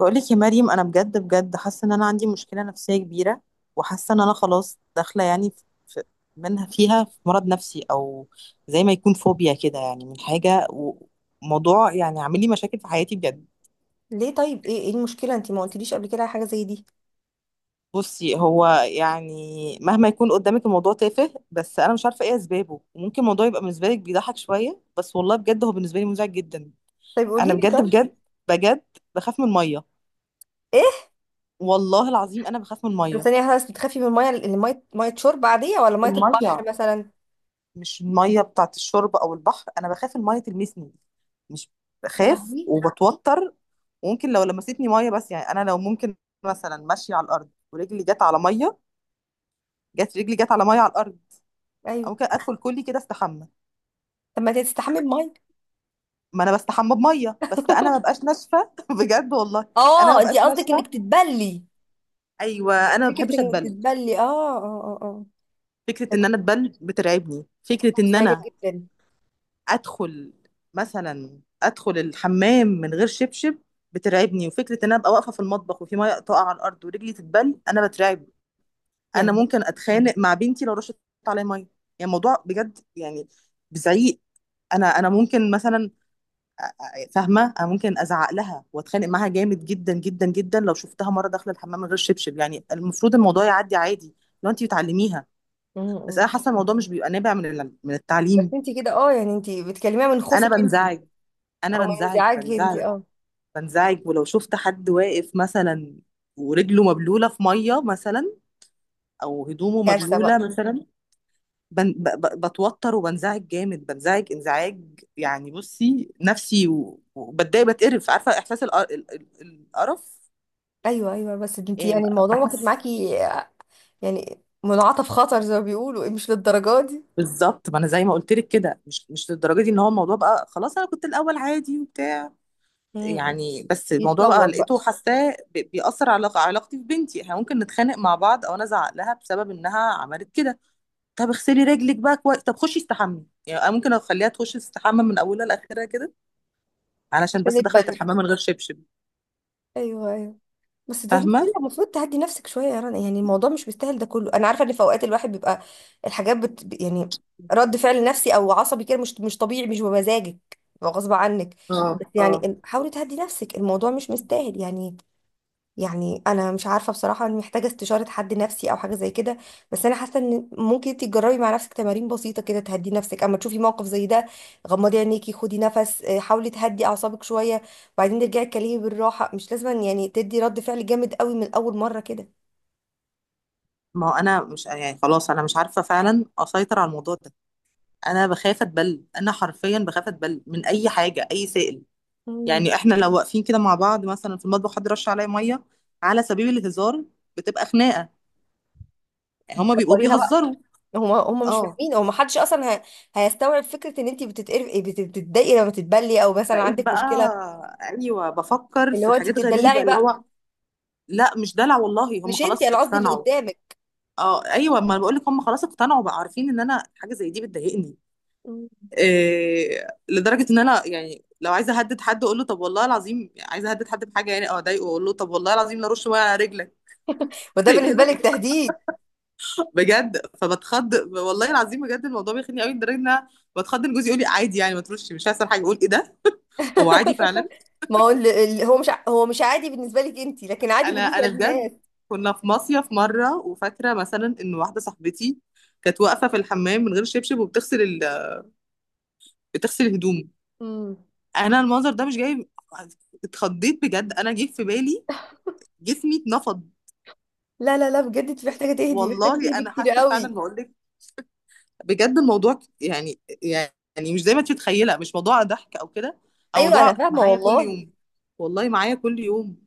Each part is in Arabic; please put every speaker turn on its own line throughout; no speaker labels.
بقولك يا مريم، انا بجد بجد حاسه ان انا عندي مشكله نفسيه كبيره. وحاسه ان انا خلاص داخله يعني في منها، فيها في مرض نفسي، او زي ما يكون فوبيا كده، يعني من حاجه وموضوع، يعني عامل لي مشاكل في حياتي بجد.
ليه طيب؟ ايه المشكله؟ انت ما قلتليش قبل كده على حاجه زي دي.
بصي، هو يعني مهما يكون قدامك الموضوع تافه، بس انا مش عارفه ايه اسبابه، وممكن الموضوع يبقى بالنسبه لك بيضحك شويه، بس والله بجد هو بالنسبه لي مزعج جدا.
طيب
انا
قولي لي.
بجد
طيب.
بجد بجد بخاف من الميه.
ايه؟
والله العظيم انا بخاف من
طب
الميه.
ثانيه واحدة بس، بتخافي من الميه اللي ميه شرب عاديه، ولا ميه
الميه،
البحر مثلا؟
مش الميه بتاعت الشرب او البحر، انا بخاف الميه تلمسني. مش،
يا
بخاف
لهوي.
وبتوتر، وممكن لو لمستني ميه بس. يعني انا لو ممكن مثلا ماشيه على الارض ورجلي جت على ميه، رجلي جت على ميه على الارض. أو
ايوه.
ممكن ادخل كلي كده استحمى.
طب ما انت تستحمي بميه.
ما انا بستحمى بميه، بس انا ما ببقاش ناشفه بجد والله. انا ما
اه، انت
ببقاش
قصدك
ناشفه.
انك تتبلي؟
ايوه، انا ما
فكره
بحبش
انك
اتبل.
تتبلي، اه اه اه اه،
فكره ان
فكرة
انا اتبل بترعبني، فكره ان
مزعجه
انا
جدا.
ادخل ادخل الحمام من غير شبشب بترعبني، وفكره ان انا ابقى واقفه في المطبخ وفي ميه تقع على الارض ورجلي تتبل انا بترعب.
يا
انا
لهوي.
ممكن اتخانق مع بنتي لو رشت عليا ميه، يعني الموضوع بجد يعني بزعيق. انا ممكن مثلا فاهمه، انا ممكن ازعق لها واتخانق معاها جامد جدا جدا جدا لو شفتها مره داخله الحمام من غير شبشب، يعني المفروض الموضوع يعدي عادي لو انت بتعلميها،
م-
بس انا
م.
حاسه الموضوع مش بيبقى نابع من
بس
التعليم.
انت كده اه، يعني انت بتكلميها من
انا
خوفك انت،
بنزعج،
او
انا
من
بنزعج،
انزعاجك انت؟
بنزعج،
اه.
بنزعج ولو شفت حد واقف مثلا ورجله مبلولة في مية مثلا، أو هدومه
كارثه
مبلولة
بقى.
مثلا. بن ب ب بتوتر وبنزعج جامد، بنزعج انزعاج. يعني بصي نفسي، وبتضايق، بتقرف، عارفة إحساس القرف.
ايوه ايوه، بس انت
إيه،
يعني الموضوع واخد
بحس.
معاكي يعني منعطف خطر زي ما بيقولوا، إيه، مش للدرجه دي.
بالظبط، ما أنا زي ما قلت لك كده، مش للدرجة دي، إن هو الموضوع بقى خلاص. أنا كنت الأول عادي وبتاع
مم.
يعني، بس الموضوع بقى
يتطور بقى.
لقيته حاساه بيأثر على علاقتي ببنتي. احنا ممكن نتخانق مع بعض أو أنا أزعق لها بسبب إنها عملت كده. طب اغسلي رجلك بقى كويس، طب خشي استحمي، يعني أنا ممكن اخليها تخش تستحمى من اولها لاخرها كده علشان
عشان
بس دخلت
يتبنى.
الحمام من غير شبشب.
ايوه ايوه. بس ده كده
فاهمه.
المفروض تعدي نفسك شويه يا رنا، يعني الموضوع مش مستاهل ده كله. انا عارفه ان في اوقات الواحد بيبقى الحاجات بت... يعني رد فعل نفسي او عصبي كده مش طبيعي، مش بمزاجك، بيبقى غصب عنك.
اه،
بس
اه.
يعني حاولي تهدي نفسك، الموضوع مش مستاهل يعني. يعني انا مش عارفه بصراحه، انا محتاجه استشاره حد نفسي او حاجه زي كده. بس انا حاسه ان ممكن انت تجربي مع نفسك تمارين بسيطه كده تهدي نفسك اما تشوفي موقف زي ده. غمضي عينيكي، خدي نفس، آه، حاولي تهدي اعصابك شويه وبعدين ترجعي تكلمي بالراحه. مش لازم يعني تدي رد فعل جامد قوي من اول مره كده.
ما هو انا مش يعني خلاص، انا مش عارفه فعلا اسيطر على الموضوع ده. انا بخاف اتبل، انا حرفيا بخاف اتبل من اي حاجه، اي سائل.
مم.
يعني احنا لو واقفين كده مع بعض مثلا في المطبخ، حد رش عليا ميه على سبيل الهزار، بتبقى خناقه. يعني هما بيبقوا
بتكبريها بقى.
بيهزروا.
هم مش
اه.
فاهمين، هو ما حدش اصلا هيستوعب فكره ان انت بتتقرفي، بتتضايقي لما تتبلي، او مثلا
بقيت
عندك
بقى،
مشكله.
ايوه، بفكر
اللي
في
هو انت
حاجات غريبه
بتتدلعي
اللي
بقى.
هو. لا، مش دلع والله، هم
مش انت،
خلاص
انا قصدي اللي
اقتنعوا.
قدامك.
اه، ايوه، ما بقول لك هم خلاص اقتنعوا بقى، عارفين ان انا حاجه زي دي بتضايقني.
مم.
إيه، لدرجه ان انا يعني لو عايزه اهدد حد، اقول له طب والله العظيم، عايزه اهدد حد بحاجه يعني، او اضايقه، اقول له طب والله العظيم لا رش ميه على رجلك.
وده
تخيل.
بالنسبه لك تهديد.
بجد فبتخض، والله العظيم بجد الموضوع بيخني قوي، لدرجه ان انا بتخض ان جوزي يقول لي عادي يعني، ما ترش، مش هيحصل حاجه. اقول ايه ده، هو عادي فعلا.
ما هو هو مش ع- هو مش عادي بالنسبة لك انت، لكن عادي
انا
بالنسبة
انا
للناس.
بجد، كنا في مصيف مره، وفاكره مثلا ان واحده صاحبتي كانت واقفه في الحمام من غير شبشب، تغسل هدومه.
امم.
انا المنظر ده مش جاي. اتخضيت بجد، انا جه في بالي، جسمي اتنفض.
لا لا لا، بجد انت محتاجة تهدي، محتاجة
والله انا
تهدي كتير
حاسه فعلا،
قوي.
بقول لك بجد الموضوع يعني، مش زي ما انت متخيله، مش موضوع ضحك او كده، او
ايوه انا
موضوع
فاهمة
معايا كل
والله.
يوم. والله معايا كل يوم.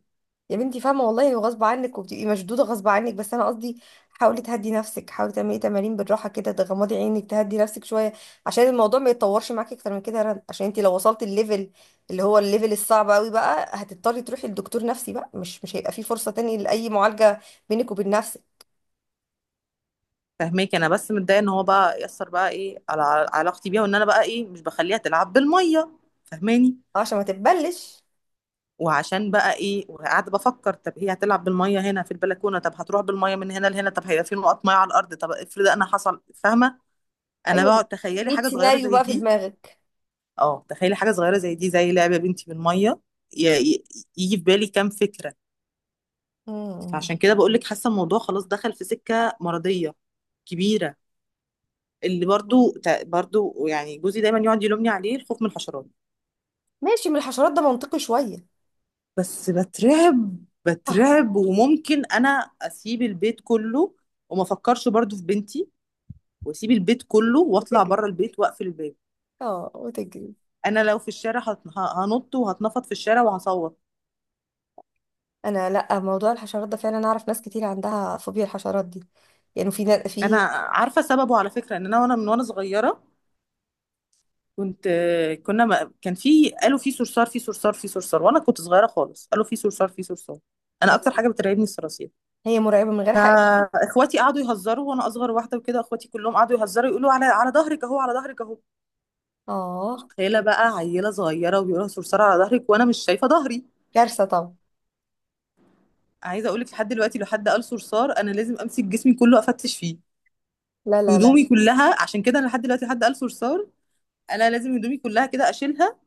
يا بنتي فاهمة والله، وغصب عنك وبتبقي مشدودة غصب عنك، بس انا قصدي حاولي تهدي نفسك، حاولي تعملي تمارين بالراحة كده، تغمضي عينك، تهدي نفسك شوية، عشان الموضوع ما يتطورش معاكي اكتر من كده يا رنا. عشان انت لو وصلت الليفل اللي هو الليفل الصعب قوي بقى، هتضطري تروحي لدكتور نفسي بقى، مش مش هيبقى في فرصة تاني لأي معالجة بينك وبين نفسك.
فهماك. انا بس متضايقه ان هو بقى يأثر بقى ايه على علاقتي بيها، وان انا بقى ايه مش بخليها تلعب بالميه. فهماني.
عشان ما تتبلش.
وعشان بقى ايه، وقاعده بفكر طب هي هتلعب بالميه هنا في البلكونه، طب هتروح بالميه من هنا لهنا، طب هيبقى في نقط ميه على الارض، طب افرض انا حصل، فاهمه. انا بقعد
ايوه.
تخيلي
100
حاجه صغيره
سيناريو
زي
بقى في
دي.
دماغك.
اه، تخيلي حاجه صغيره زي دي، زي لعبه بنتي بالميه، ي- ي- يجي في بالي كام فكره.
مم.
فعشان كده بقول لك حاسه الموضوع خلاص دخل في سكه مرضيه كبيره. اللي برضو يعني جوزي دايما يقعد يلومني عليه، الخوف من الحشرات.
ماشي، من الحشرات ده منطقي شوية.
بس بترعب،
اه
بترعب، وممكن انا اسيب البيت كله وما افكرش برضو في بنتي، واسيب البيت كله واطلع
وتجري
بره البيت واقفل الباب.
اه وتجري.
انا لو في الشارع هنط، وهتنفض في الشارع، وهصوت.
انا لا، موضوع الحشرات ده فعلا اعرف ناس كتير عندها فوبيا الحشرات دي، يعني في
انا
في،
عارفه سببه على فكره، ان انا وانا وانا صغيره، كنت كنا ما كان في، قالوا في صرصار، في صرصار، في صرصار، وانا كنت صغيره خالص، قالوا في صرصار، في صرصار. انا اكتر حاجه بترعبني الصراصير.
هي مرعبة من غير حقيقة.
فاخواتي قعدوا يهزروا، وانا اصغر واحده وكده، اخواتي كلهم قعدوا يهزروا يقولوا على ظهرك اهو، على ظهرك اهو.
اه.
تخيله بقى، عيله صغيره وبيقولها صرصار على ظهرك وانا مش شايفه ظهري.
كارثة طبعا.
عايزه اقول لك لحد دلوقتي، لو حد قال صرصار، انا لازم امسك جسمي كله افتش فيه،
لا لا لا.
هدومي كلها. عشان كده انا لحد دلوقتي لحد قال صرصار انا لازم هدومي كلها كده اشيلها،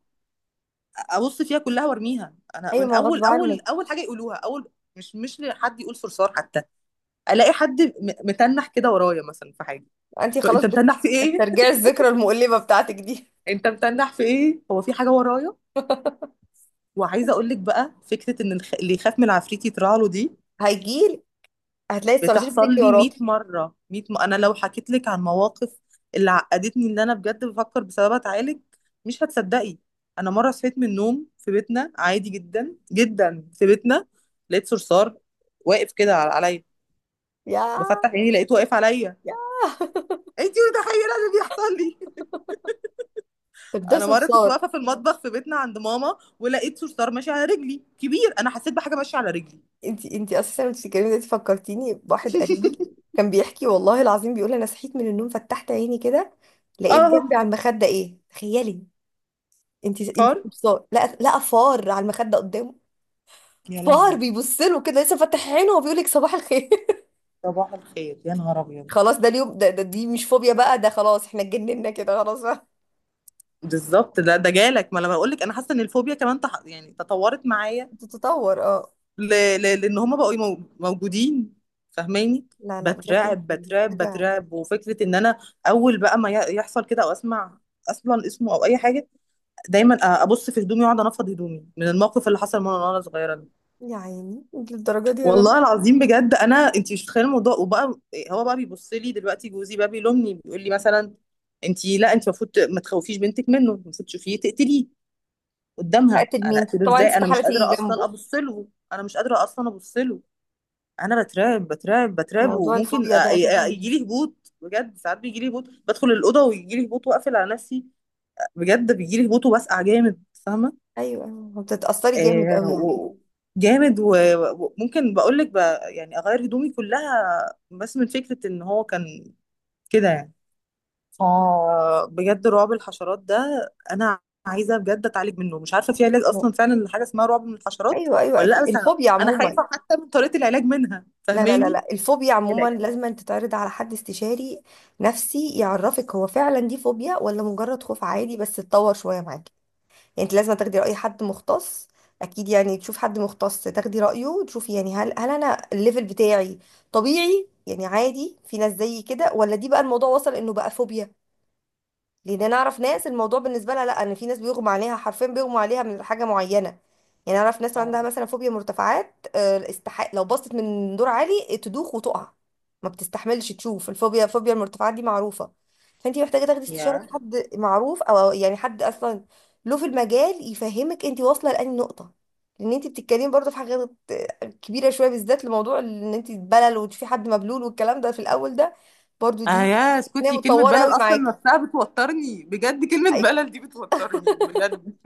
ابص فيها كلها وارميها. انا
ايوه،
من
ما هو
اول
غصب عنك.
اول اول حاجه يقولوها اول. مش لحد يقول صرصار حتى، الاقي حد متنح كده ورايا، مثلا في حاجه.
انت خلاص
انت متنح في ايه؟
بتسترجعي الذكرى المؤلمة بتاعتك دي.
انت متنح في ايه؟ هو في حاجه ورايا؟ وعايزه اقول لك بقى، فكره ان اللي يخاف من العفريت يطلع له، دي
هيجيلك. هتلاقي الصراصير
بتحصل
بتجري
لي 100
وراكي.
مرة، انا لو حكيت لك عن مواقف اللي عقدتني، اللي انا بجد بفكر بسببها اتعالج، مش هتصدقي. انا مرة صحيت من النوم في بيتنا عادي جدا جدا، في بيتنا لقيت صرصار واقف كده عليا،
يا
بفتح عيني لقيته واقف عليا.
يا
انتي متخيلة اللي بيحصل لي؟ انا
بتدوسي
مرة كنت
بصار.
واقفة في المطبخ في بيتنا عند ماما، ولقيت صرصار ماشي على رجلي كبير، انا حسيت بحاجة ماشية على رجلي.
انتي اساسا وانتي بتتكلمي دلوقتي فكرتيني بواحد قريبي كان بيحكي، والله العظيم بيقول انا صحيت من النوم، فتحت عيني كده لقيت جنبي
اه.
على المخده ايه، تخيلي. انتي
فار،
تبصار، لا لا، فار على المخده قدامه.
يا
فار
لهوي.
بيبص له كده لسه فاتح عينه وبيقول لك صباح الخير.
صباح الخير يا نهار ابيض.
خلاص ده اليوم ده، ده دي مش فوبيا بقى، ده خلاص احنا اتجننا كده خلاص بقى.
بالضبط، ده جالك. ما انا بقول لك انا حاسه ان الفوبيا كمان يعني تطورت معايا،
بتتطور اه.
ل... لان هما بقوا موجودين. فاهماني.
لا لا بجد
بترعب،
انتي
بترعب،
محتاجه.
بترعب، وفكره ان انا اول بقى ما يحصل كده، او اسمع اصلا اسمه او اي حاجه، دايما ابص في هدومي واقعد انفض هدومي من الموقف اللي حصل من وانا صغيره ده.
يا عيني انتي للدرجه دي يا رنا.
والله العظيم بجد انا، انت مش متخيله الموضوع. وبقى هو بقى بيبص لي دلوقتي، جوزي بقى بيلومني، بيقول لي مثلا انت، لا انت المفروض ما تخوفيش بنتك منه، المفروض تشوفيه تقتليه قدامها.
هقتل
انا
مين؟
اقتله
طبعا
ازاي؟
انت
انا
استحاله
مش قادره
تيجي
اصلا
جنبه.
ابص له، انا مش قادره اصلا ابص له. انا بترعب، بترعب، بترعب،
موضوع
وممكن
الفوبيا ده اساسا.
يجي لي هبوط بجد، ساعات بيجي لي هبوط، بدخل الاوضه ويجي لي هبوط واقفل على نفسي، بجد بيجي لي هبوط وبسقع جامد، فاهمه؟
ايوه أيوة. بتتاثري جامد
آه
قوي يعني.
و... جامد. وممكن بقول لك يعني اغير هدومي كلها، بس من فكره ان هو كان كده يعني. اه بجد رعب الحشرات ده، انا عايزه بجد اتعالج منه، مش عارفه في علاج اصلا فعلا حاجه اسمها رعب من الحشرات
ايوه ايوه
ولا لا؟
اكيد،
بس
الفوبيا
أنا
عموما.
خايفه حتى من طريقه العلاج منها،
لا لا لا
فاهماني؟
لا، الفوبيا
يعني
عموما لازم أن تتعرض على حد استشاري نفسي يعرفك هو فعلا دي فوبيا، ولا مجرد خوف عادي بس اتطور شويه معاكي. يعني انت لازم تاخدي راي حد مختص، اكيد يعني تشوف حد مختص تاخدي رايه وتشوفي يعني هل انا الليفل بتاعي طبيعي يعني عادي، في ناس زيي كده، ولا دي بقى الموضوع وصل انه بقى فوبيا. لان انا اعرف ناس الموضوع بالنسبه لها لا، ان في ناس بيغمى عليها حرفيا، بيغمى عليها من حاجه معينه. يعني اعرف ناس عندها
اه
مثلا فوبيا مرتفعات، آه، استحق لو بصت من دور عالي تدوخ وتقع، ما بتستحملش تشوف. الفوبيا، فوبيا المرتفعات دي معروفه. فانت محتاجه تاخدي استشاره
يا
حد معروف، او يعني حد اصلا له في المجال يفهمك انت واصله لاني نقطه. لان انت بتتكلمي برضه في حاجات كبيره شويه، بالذات لموضوع ان انت تبلل وتشوفي حد مبلول والكلام ده في الاول ده برضه
اه
دي،
يا
هي
اسكتي، كلمه
متطوره
بلل
قوي
اصلا
معاكي.
نفسها بتوترني بجد، كلمه بلل دي بتوترني بجد.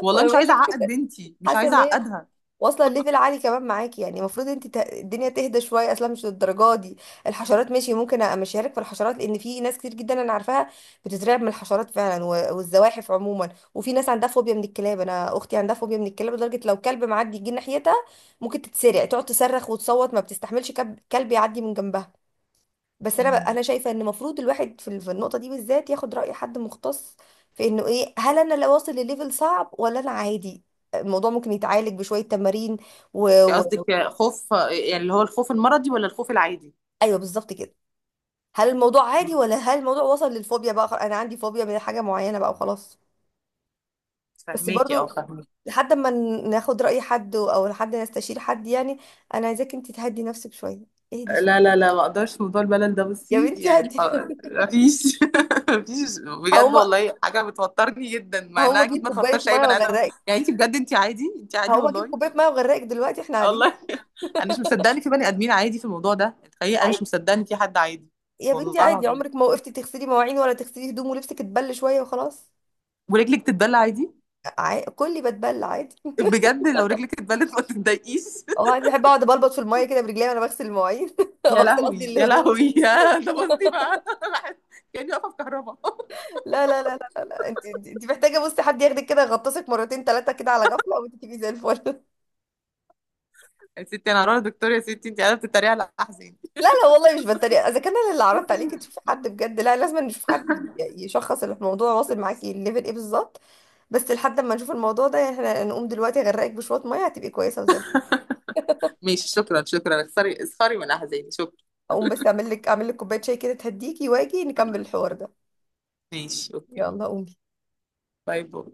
والله
وانا
مش
بقول
عايزه
لك
اعقد بنتي، مش
حاسه
عايزه
ان هي
اعقدها.
واصله ليفل عالي كمان معاكي، يعني المفروض انت الدنيا تهدى شويه، اصلا مش للدرجه دي. الحشرات ماشي، ممكن امشيها لك في الحشرات، لان في ناس كتير جدا انا عارفاها بتترعب من الحشرات فعلا والزواحف عموما. وفي ناس عندها فوبيا من الكلاب، انا اختي عندها فوبيا من الكلاب لدرجه لو كلب معدي يجي ناحيتها ممكن تتسرع، تقعد تصرخ وتصوت، ما بتستحملش كلب يعدي من جنبها. بس انا بقى
امم
انا شايفه ان المفروض الواحد في في النقطه دي بالذات ياخد راي حد مختص في انه ايه، هل انا لو واصل لليفل صعب، ولا انا عادي؟ الموضوع ممكن يتعالج بشويه تمارين و... و...
قصدك خوف، يعني اللي هو الخوف المرضي ولا الخوف العادي؟
ايوه بالظبط كده. هل الموضوع عادي،
مم.
ولا هل الموضوع وصل للفوبيا بقى؟ انا عندي فوبيا من حاجه معينه بقى وخلاص. بس
فهماكي، اه
برضو
فهماكي.
لحد ما ناخد راي حد، او لحد نستشير حد يعني. انا عايزاك انت تهدي نفسك شويه، اهدي
لا،
شويه.
لا، لا، ما اقدرش. موضوع الملل ده
يا
بصي
بنتي
يعني
هدي
خلاص،
نفسك.
مفيش مفيش. بجد
هقوم،
والله حاجه بتوترني جدا، مع
هقوم
انها اكيد
اجيب
ما
كوبايه
توترش
ميه
اي بني ادم.
واغرقك.
يعني انت بجد، انت عادي، انت عادي
هقوم اجيب
والله.
كوبايه ميه واغرقك دلوقتي احنا قاعدين.
والله انا مش مصدقه ان في بني ادمين عادي في الموضوع ده، الحقيقه انا مش
عادي
مصدقه ان في حد عادي.
يا بنتي،
والله
عادي،
العظيم.
عمرك ما وقفتي تغسلي مواعين ولا تغسلي هدوم ولبسك اتبل شويه وخلاص؟
ورجلك تتبل عادي؟
كلي بتبل عادي.
بجد لو رجلك اتبلت ما تتضايقيش؟
اه انا بحب اقعد بلبط في الميه كده برجلي وانا بغسل المواعين،
يا
بغسل
لهوي،
قصدي
يا
الهدوم.
لهوي. يا ده، بصي بقى. أنا بحس كاني واقفه في كهرباء.
لا. انت محتاجه، بصي، حد ياخدك كده يغطسك مرتين ثلاثه كده على غفله وانت تبقي زي الفل.
يا ستي انا هروح للدكتور. يا ستي انت قاعده بتتريقي على احزان.
لا لا والله مش بتريق، اذا كان انا اللي عرضت عليكي تشوفي حد بجد، لا لازم نشوف حد يشخص الموضوع واصل معاكي الليفل ايه بالظبط. بس لحد ما نشوف الموضوع ده يعني احنا نقوم دلوقتي اغرقك بشويه ميه هتبقي كويسه وزي.
ماشي، شكرا، شكرا. اختاري، اختاري من أحزاني. شكرا.
اقوم بس اعمل لك، اعمل لك كوبايه شاي كده تهديكي، واجي نكمل الحوار ده.
ماشي، أوكي.
يلا قومي.
باي باي.